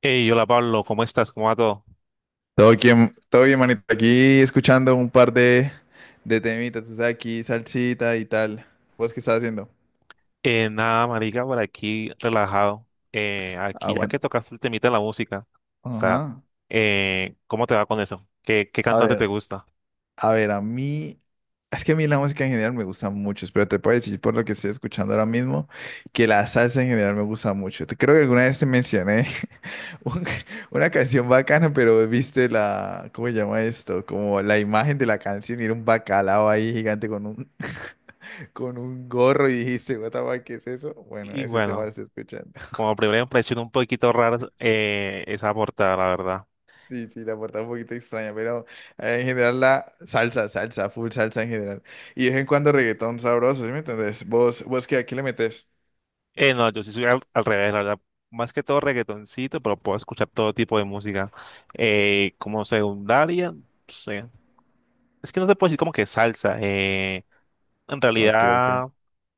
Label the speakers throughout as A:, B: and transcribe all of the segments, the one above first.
A: Hey, hola Pablo, ¿cómo estás? ¿Cómo va todo?
B: Todo bien, manito. Aquí escuchando un par de temitas, tú sabes, aquí salsita y tal. ¿Vos qué estás haciendo?
A: Nada, marica, por aquí relajado. Aquí ya
B: Aguanta.
A: que tocaste el temita de la música, o sea,
B: Ajá.
A: ¿cómo te va con eso? ¿¿Qué
B: A
A: cantante te
B: ver,
A: gusta?
B: a ver, a mí. Es que a mí la música en general me gusta mucho, pero te puedo decir por lo que estoy escuchando ahora mismo que la salsa en general me gusta mucho. Te creo que alguna vez te mencioné un- una canción bacana, pero viste la, ¿cómo se llama esto? Como la imagen de la canción y era un bacalao ahí gigante con un gorro y dijiste, what the fuck, ¿qué es eso? Bueno,
A: Y
B: ese tema lo
A: bueno,
B: estoy escuchando.
A: como primera impresión un poquito rara esa portada, la verdad.
B: Sí, sí, la portada un poquito extraña, pero en general la salsa, salsa, full salsa en general. Y de vez en cuando reggaetón sabroso, ¿sí me entendés? ¿Vos qué, aquí le metes?
A: No, yo sí soy al revés, la verdad. Más que todo reggaetoncito, pero puedo escuchar todo tipo de música. Como secundaria, no sé. Es que no te puedo decir como que salsa. En
B: Ok, ok.
A: realidad,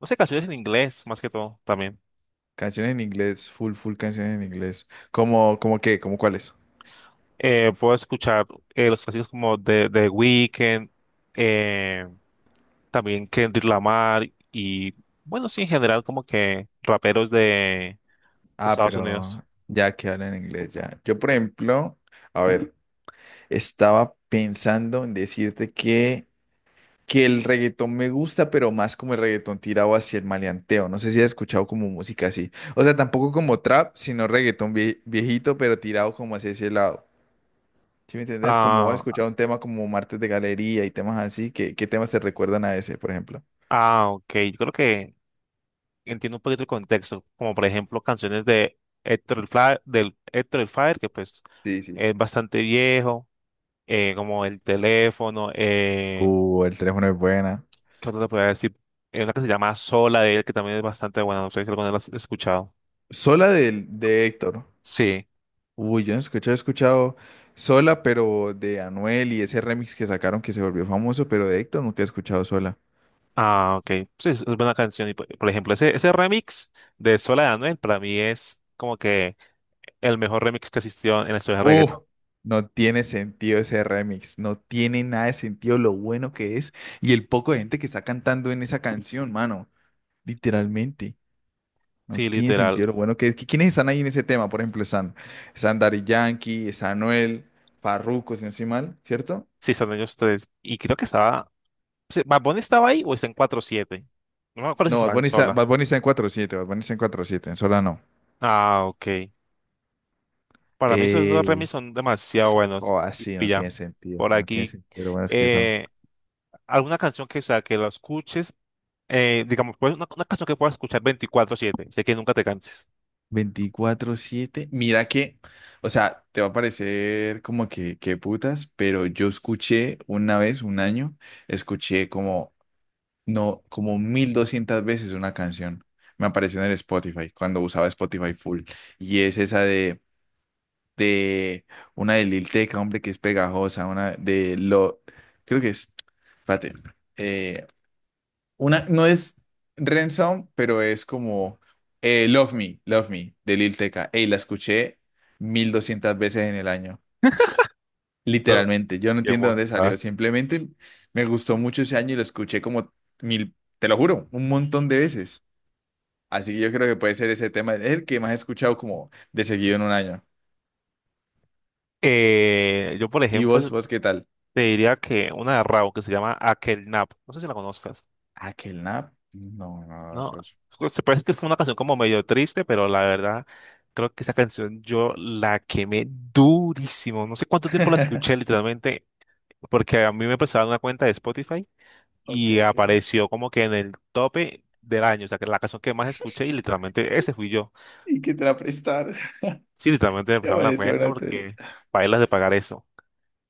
A: no sé, canciones en inglés más que todo también.
B: Canciones en inglés, full, full canciones en inglés. ¿Cómo qué? ¿Cómo cuáles?
A: Puedo escuchar los clásicos como de The Weeknd, eh, también Kendrick Lamar y, bueno, sí, en general como que raperos de
B: Ah,
A: Estados Unidos.
B: pero ya que hablan en inglés, ya. Yo, por ejemplo, a ver, estaba pensando en decirte que el reggaetón me gusta, pero más como el reggaetón tirado hacia el maleanteo. No sé si has escuchado como música así. O sea, tampoco como trap, sino reggaetón viejito, pero tirado como hacia ese lado. ¿Sí me entiendes? Como has
A: Ah,
B: escuchado un tema como Martes de Galería y temas así, ¿qué temas te recuerdan a ese, por ejemplo?
A: ah, ok, yo creo que entiendo un poquito el contexto, como por ejemplo canciones de del Héctor el Fire, que pues
B: Sí, sí.
A: es bastante viejo, como El Teléfono.
B: El teléfono es buena.
A: ¿Qué otra te podría decir? Hay una que se llama Sola de él, que también es bastante buena. No sé si alguna vez la has escuchado.
B: Sola de Héctor.
A: Sí.
B: Uy, yo no escuché, he escuchado Sola, pero de Anuel y ese remix que sacaron que se volvió famoso, pero de Héctor nunca he escuchado Sola.
A: Ah, ok. Sí, es buena canción. Y por ejemplo, ese remix de Sola de Anuel para mí es como que el mejor remix que existió en la historia del
B: Uf,
A: reggaetón.
B: no tiene sentido ese remix, no tiene nada de sentido lo bueno que es y el poco de gente que está cantando en esa canción, mano, literalmente, no
A: Sí,
B: tiene sentido
A: literal.
B: lo bueno que es. ¿Quiénes están ahí en ese tema? Por ejemplo, están, Daddy Yankee, está Anuel, Farruko, si no estoy mal, ¿cierto?
A: Sí, están ellos tres. Y creo que estaba. Sí, ¿Bad Bunny estaba ahí o está en 4/7? No me acuerdo si
B: No, Bad
A: estaba en
B: Bunny está,
A: Sola.
B: Bad Bunny está en cuatro siete. Bad Bunny está en cuatro siete. En Sola no.
A: Ah, ok. Para mí esos dos
B: Eh,
A: remix son demasiado buenos.
B: oh,
A: Y
B: así
A: y
B: no
A: ya.
B: tiene sentido,
A: Por
B: no tiene
A: aquí,
B: sentido lo buenos que son.
A: eh, alguna canción que, o sea, que la escuches, digamos, pues una canción que puedas escuchar 24/7, sé que nunca te canses.
B: 24/7. Mira que, o sea, te va a parecer como que putas, pero yo escuché una vez, un año, escuché como, no, como 1200 veces una canción. Me apareció en el Spotify, cuando usaba Spotify full. Y es esa de una de Lil Tecca, hombre, que es pegajosa, una de lo, creo que es, espérate, eh, una, no es Ransom, pero es como Love Me, Love Me, de Lil Tecca. Ey, la escuché 1200 veces en el año.
A: Oh,
B: Literalmente. Yo no
A: qué
B: entiendo dónde salió.
A: bomba.
B: Simplemente me gustó mucho ese año y lo escuché como mil, te lo juro, un montón de veces. Así que yo creo que puede ser ese tema el que más he escuchado como de seguido en un año.
A: Yo, por
B: ¿Y
A: ejemplo, yo
B: vos qué tal?
A: te diría que una de Rao que se llama Aquel Nap, no sé si la conozcas,
B: ¿Aquel nap? No, no,
A: ¿no?
B: eso es-
A: Se parece que fue una canción como medio triste, pero la verdad, creo que esa canción yo la quemé durísimo. No sé cuánto tiempo la escuché literalmente, porque a mí me prestaron una cuenta de Spotify
B: Ok,
A: y
B: ok.
A: apareció como que en el tope del año, o sea, que la canción que más escuché, y literalmente ese fui yo.
B: ¿Y qué te la prestar?
A: Sí, también te
B: Ya
A: prestaron la
B: parecía
A: cuenta
B: una tuya.
A: porque bailas de pagar eso.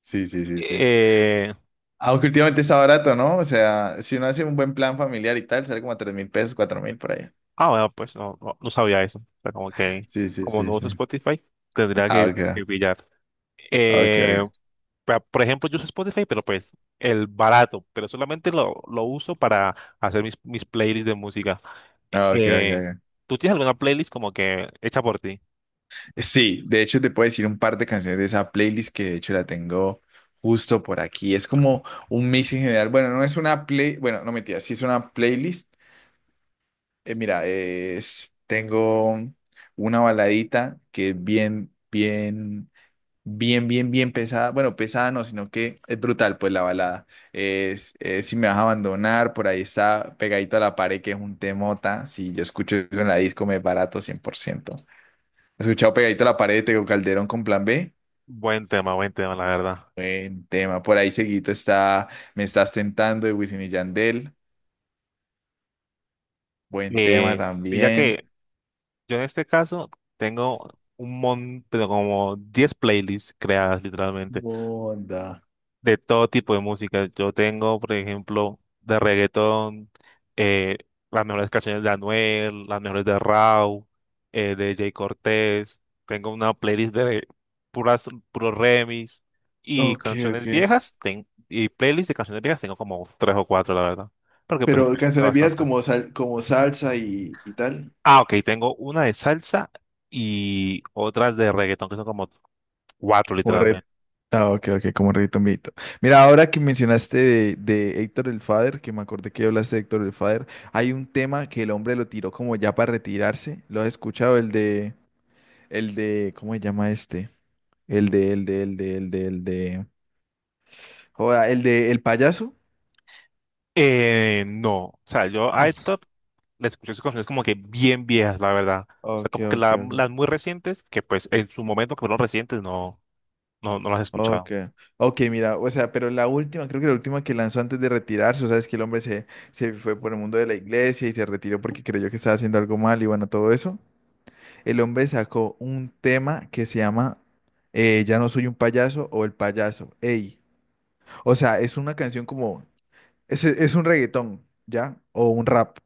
B: Sí, sí, sí, sí.
A: Eh,
B: Aunque últimamente está barato, ¿no? O sea, si uno hace un buen plan familiar y tal, sale como a 3000 pesos, 4000 por ahí.
A: bueno, pues no, no, no sabía eso. O sea, como que,
B: Sí, sí,
A: como no
B: sí, sí.
A: uso Spotify, tendría
B: Ah, ok.
A: que pillar.
B: Ah, ok,
A: Eh,
B: ok.
A: por ejemplo, yo uso Spotify, pero pues el barato, pero solamente lo uso para hacer mis, mis playlists de música.
B: Ah, ok, ok,
A: Eh,
B: ok.
A: ¿Tú tienes alguna playlist como que hecha por ti?
B: Sí, de hecho te puedo decir un par de canciones de esa playlist que de hecho la tengo justo por aquí. Es como un mix en general. Bueno, no es una play, bueno, no mentira, sí es una playlist. Mira, es, tengo una baladita que es bien, bien, bien, bien, bien pesada. Bueno, pesada no, sino que es brutal, pues la balada. Es, si me vas a abandonar, por ahí está pegadito a la pared, que es un temota. Si yo escucho eso en la disco, me barato 100%. He escuchado pegadito a la pared de Tego Calderón con Plan B.
A: Buen tema, la verdad.
B: Buen tema. Por ahí seguito está Me estás tentando de Wisin y Yandel. Buen tema
A: Eh, y ya
B: también.
A: que yo en este caso tengo un montón, pero como 10 playlists creadas literalmente,
B: Onda.
A: de todo tipo de música. Yo tengo, por ejemplo, de reggaetón, eh, las mejores canciones de Anuel, las mejores de Rauw, de Jay Cortés. Tengo una playlist de puras, puros remix y
B: Ok, ok.
A: canciones viejas. Y playlist de canciones viejas tengo como tres o cuatro, la verdad. Porque pues
B: Pero
A: me gusta
B: canciones viejas
A: bastante.
B: como, como salsa y tal.
A: Ah, ok, tengo una de salsa y otras de reggaetón, que son como cuatro
B: Como red.
A: literalmente.
B: Ah, ok, ok, como reditombito. Mira, ahora que mencionaste de Héctor el Father, que me acordé que hablaste de Héctor el Father, hay un tema que el hombre lo tiró como ya para retirarse. ¿Lo has escuchado? El de, ¿cómo se llama este? El de, el payaso.
A: No, o sea, yo a Top le escuché sus canciones como que bien viejas, la verdad. O sea,
B: Ok,
A: como que
B: ok, ok.
A: las muy recientes, que pues en su momento que fueron recientes, no, no, no las he
B: Ok,
A: escuchado.
B: ok, mira, o sea, pero la última, creo que la última que lanzó antes de retirarse, o sea, es que el hombre se fue por el mundo de la iglesia y se retiró porque creyó que estaba haciendo algo mal y bueno, todo eso. El hombre sacó un tema que se llama Ya no soy un payaso o El payaso. Ey. O sea, es una canción como, es un reggaetón, ¿ya? O un rap,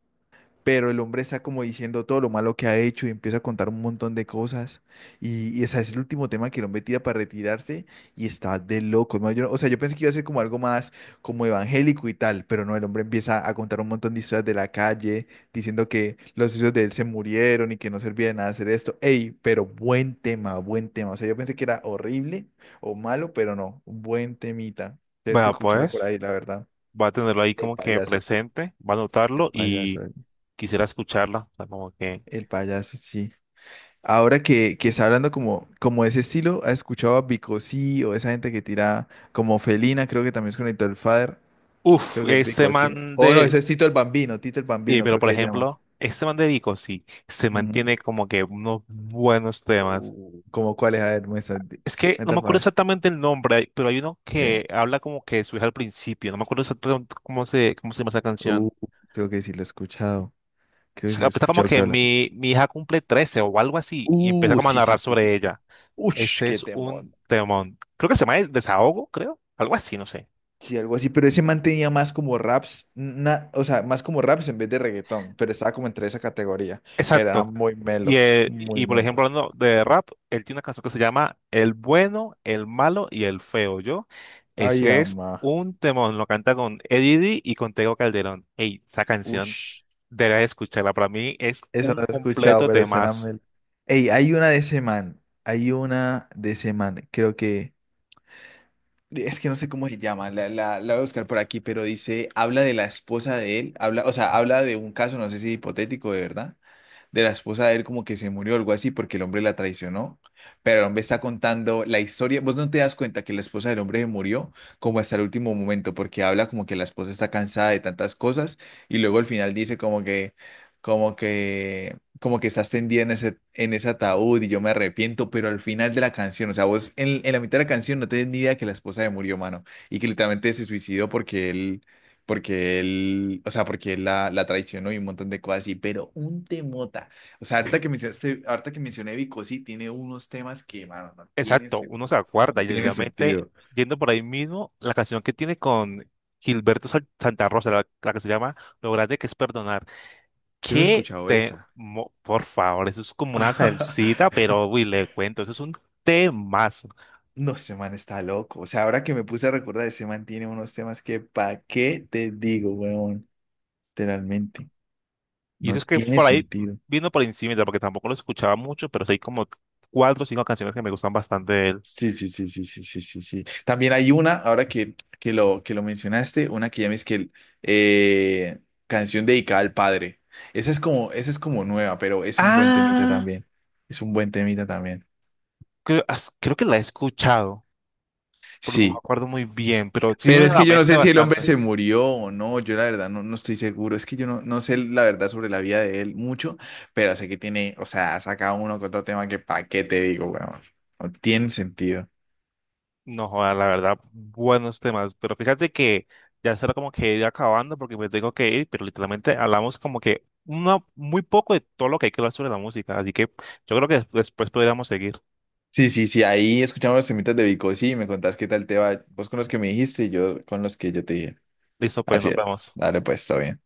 B: pero el hombre está como diciendo todo lo malo que ha hecho y empieza a contar un montón de cosas. Y ese es el último tema que el hombre tira para retirarse y está de loco, ¿no? No, o sea, yo pensé que iba a ser como algo más como evangélico y tal, pero no, el hombre empieza a contar un montón de historias de la calle, diciendo que los hijos de él se murieron y que no servía de nada hacer esto. Ey, pero buen tema, buen tema. O sea, yo pensé que era horrible o malo, pero no, buen temita. Tienes que
A: Bueno,
B: escucharlo por
A: pues
B: ahí, la verdad.
A: va a tenerlo ahí
B: El
A: como que
B: payaso.
A: presente, va a
B: El
A: notarlo
B: payaso,
A: y
B: el
A: quisiera escucharla. O sea, como que,
B: el payaso, sí. Ahora que está hablando como, de ese estilo, ¿has escuchado a Bicosí o esa gente que tira como Felina? Creo que también es conectó el Father.
A: uff,
B: Creo que es Bicosí. O no, ese es Tito el Bambino, Tito el Bambino,
A: pero
B: creo que
A: por
B: se llama.
A: ejemplo, este man de Vico, sí, se
B: Ujú.
A: mantiene como que unos buenos temas.
B: ¿Cómo cuál es? A ver, muestra,
A: Es que no me
B: muestra para
A: acuerdo
B: ver.
A: exactamente el nombre, pero hay uno
B: Okay.
A: que habla como que su hija al principio. No me acuerdo exactamente cómo se llama esa
B: Uh,
A: canción.
B: Creo que sí lo he escuchado.
A: O
B: Creo que sí
A: sea,
B: lo he
A: empieza como
B: escuchado que
A: que
B: habla.
A: mi hija cumple 13 o algo así y empieza como a
B: Sí, sí,
A: narrar
B: sí,
A: sobre
B: sí.
A: ella.
B: Ush,
A: Ese
B: qué
A: es
B: temor.
A: un temón. Creo que se llama El Desahogo, creo. Algo así, no sé.
B: Sí, algo así, pero ese man tenía más como raps, o sea, más como raps en vez de reggaetón, pero estaba como entre esa categoría, pero
A: Exacto.
B: eran muy melos, muy
A: Y por ejemplo,
B: melos.
A: hablando de rap, él tiene una canción que se llama El Bueno, El Malo y El Feo, ¿yo?
B: Ay,
A: Ese es
B: ama,
A: un temón. Lo canta con Eddie D y con Tego Calderón. Ey, esa canción.
B: ush,
A: Deberías escucharla. Para mí es
B: esa
A: un
B: no la he escuchado,
A: completo
B: pero suena
A: temazo.
B: mel. Ey, hay una de ese man, hay una de ese man, creo que, es que no sé cómo se llama, la, la voy a buscar por aquí, pero dice, habla de la esposa de él, habla, o sea, habla de un caso, no sé si hipotético, de verdad, de la esposa de él como que se murió o algo así porque el hombre la traicionó. Pero el hombre está contando la historia. Vos no te das cuenta que la esposa del hombre se murió como hasta el último momento porque habla como que la esposa está cansada de tantas cosas y luego al final dice como que, como que estás tendida en ese ataúd y yo me arrepiento, pero al final de la canción, o sea, vos en la mitad de la canción no tenés ni idea que la esposa se murió, mano, y que literalmente se suicidó porque él, o sea, porque él la, traicionó y un montón de cosas así, pero un temota. O sea, ahorita que mencionaste, ahorita que mencioné Vico, sí, tiene unos temas que, mano, no tiene,
A: Exacto, uno se acuerda
B: no
A: y
B: tiene
A: literalmente
B: sentido.
A: yendo por ahí mismo, la canción que tiene con Santa Rosa, la que se llama Lo grande que es perdonar.
B: Yo no he
A: ¿Qué
B: escuchado
A: te...
B: esa.
A: Por favor, eso es como una salsita, pero uy, le cuento, eso es un temazo.
B: No, ese man está loco. O sea, ahora que me puse a recordar, ese man tiene unos temas que, ¿pa' qué te digo, weón? Literalmente,
A: Y eso
B: no
A: es que
B: tiene
A: por ahí
B: sentido.
A: vino por encima, porque tampoco lo escuchaba mucho, pero sí hay como cuatro o cinco canciones que me gustan bastante de él.
B: Sí, sí, sí, sí, sí, sí, sí, sí. También hay una, ahora que lo mencionaste, una que llames que el, eh, canción dedicada al padre. Esa es como nueva, pero es un buen temita
A: Ah,
B: también. Es un buen temita también.
A: creo, creo que la he escuchado, pero no me
B: Sí,
A: acuerdo muy bien, pero sí me
B: pero
A: viene
B: es
A: a
B: que
A: la
B: yo no
A: mente
B: sé si el hombre
A: bastante.
B: se murió o no, yo la verdad no, no estoy seguro. Es que yo no sé la verdad sobre la vida de él mucho, pero sé que tiene, o sea, saca uno con otro tema que pa' qué te digo, bueno, no tiene sentido.
A: No, joda, la verdad, buenos temas. Pero fíjate que ya será como que ir acabando porque me tengo que ir, pero literalmente hablamos como que una, muy poco de todo lo que hay que hablar sobre la música. Así que yo creo que después podríamos seguir.
B: Sí, sí, sí, ahí escuchamos los temitas de Vico, sí, me contás qué tal te va, vos con los que me dijiste y yo con los que yo te dije.
A: Listo, pues
B: Así
A: nos
B: es,
A: vemos.
B: dale pues, está bien.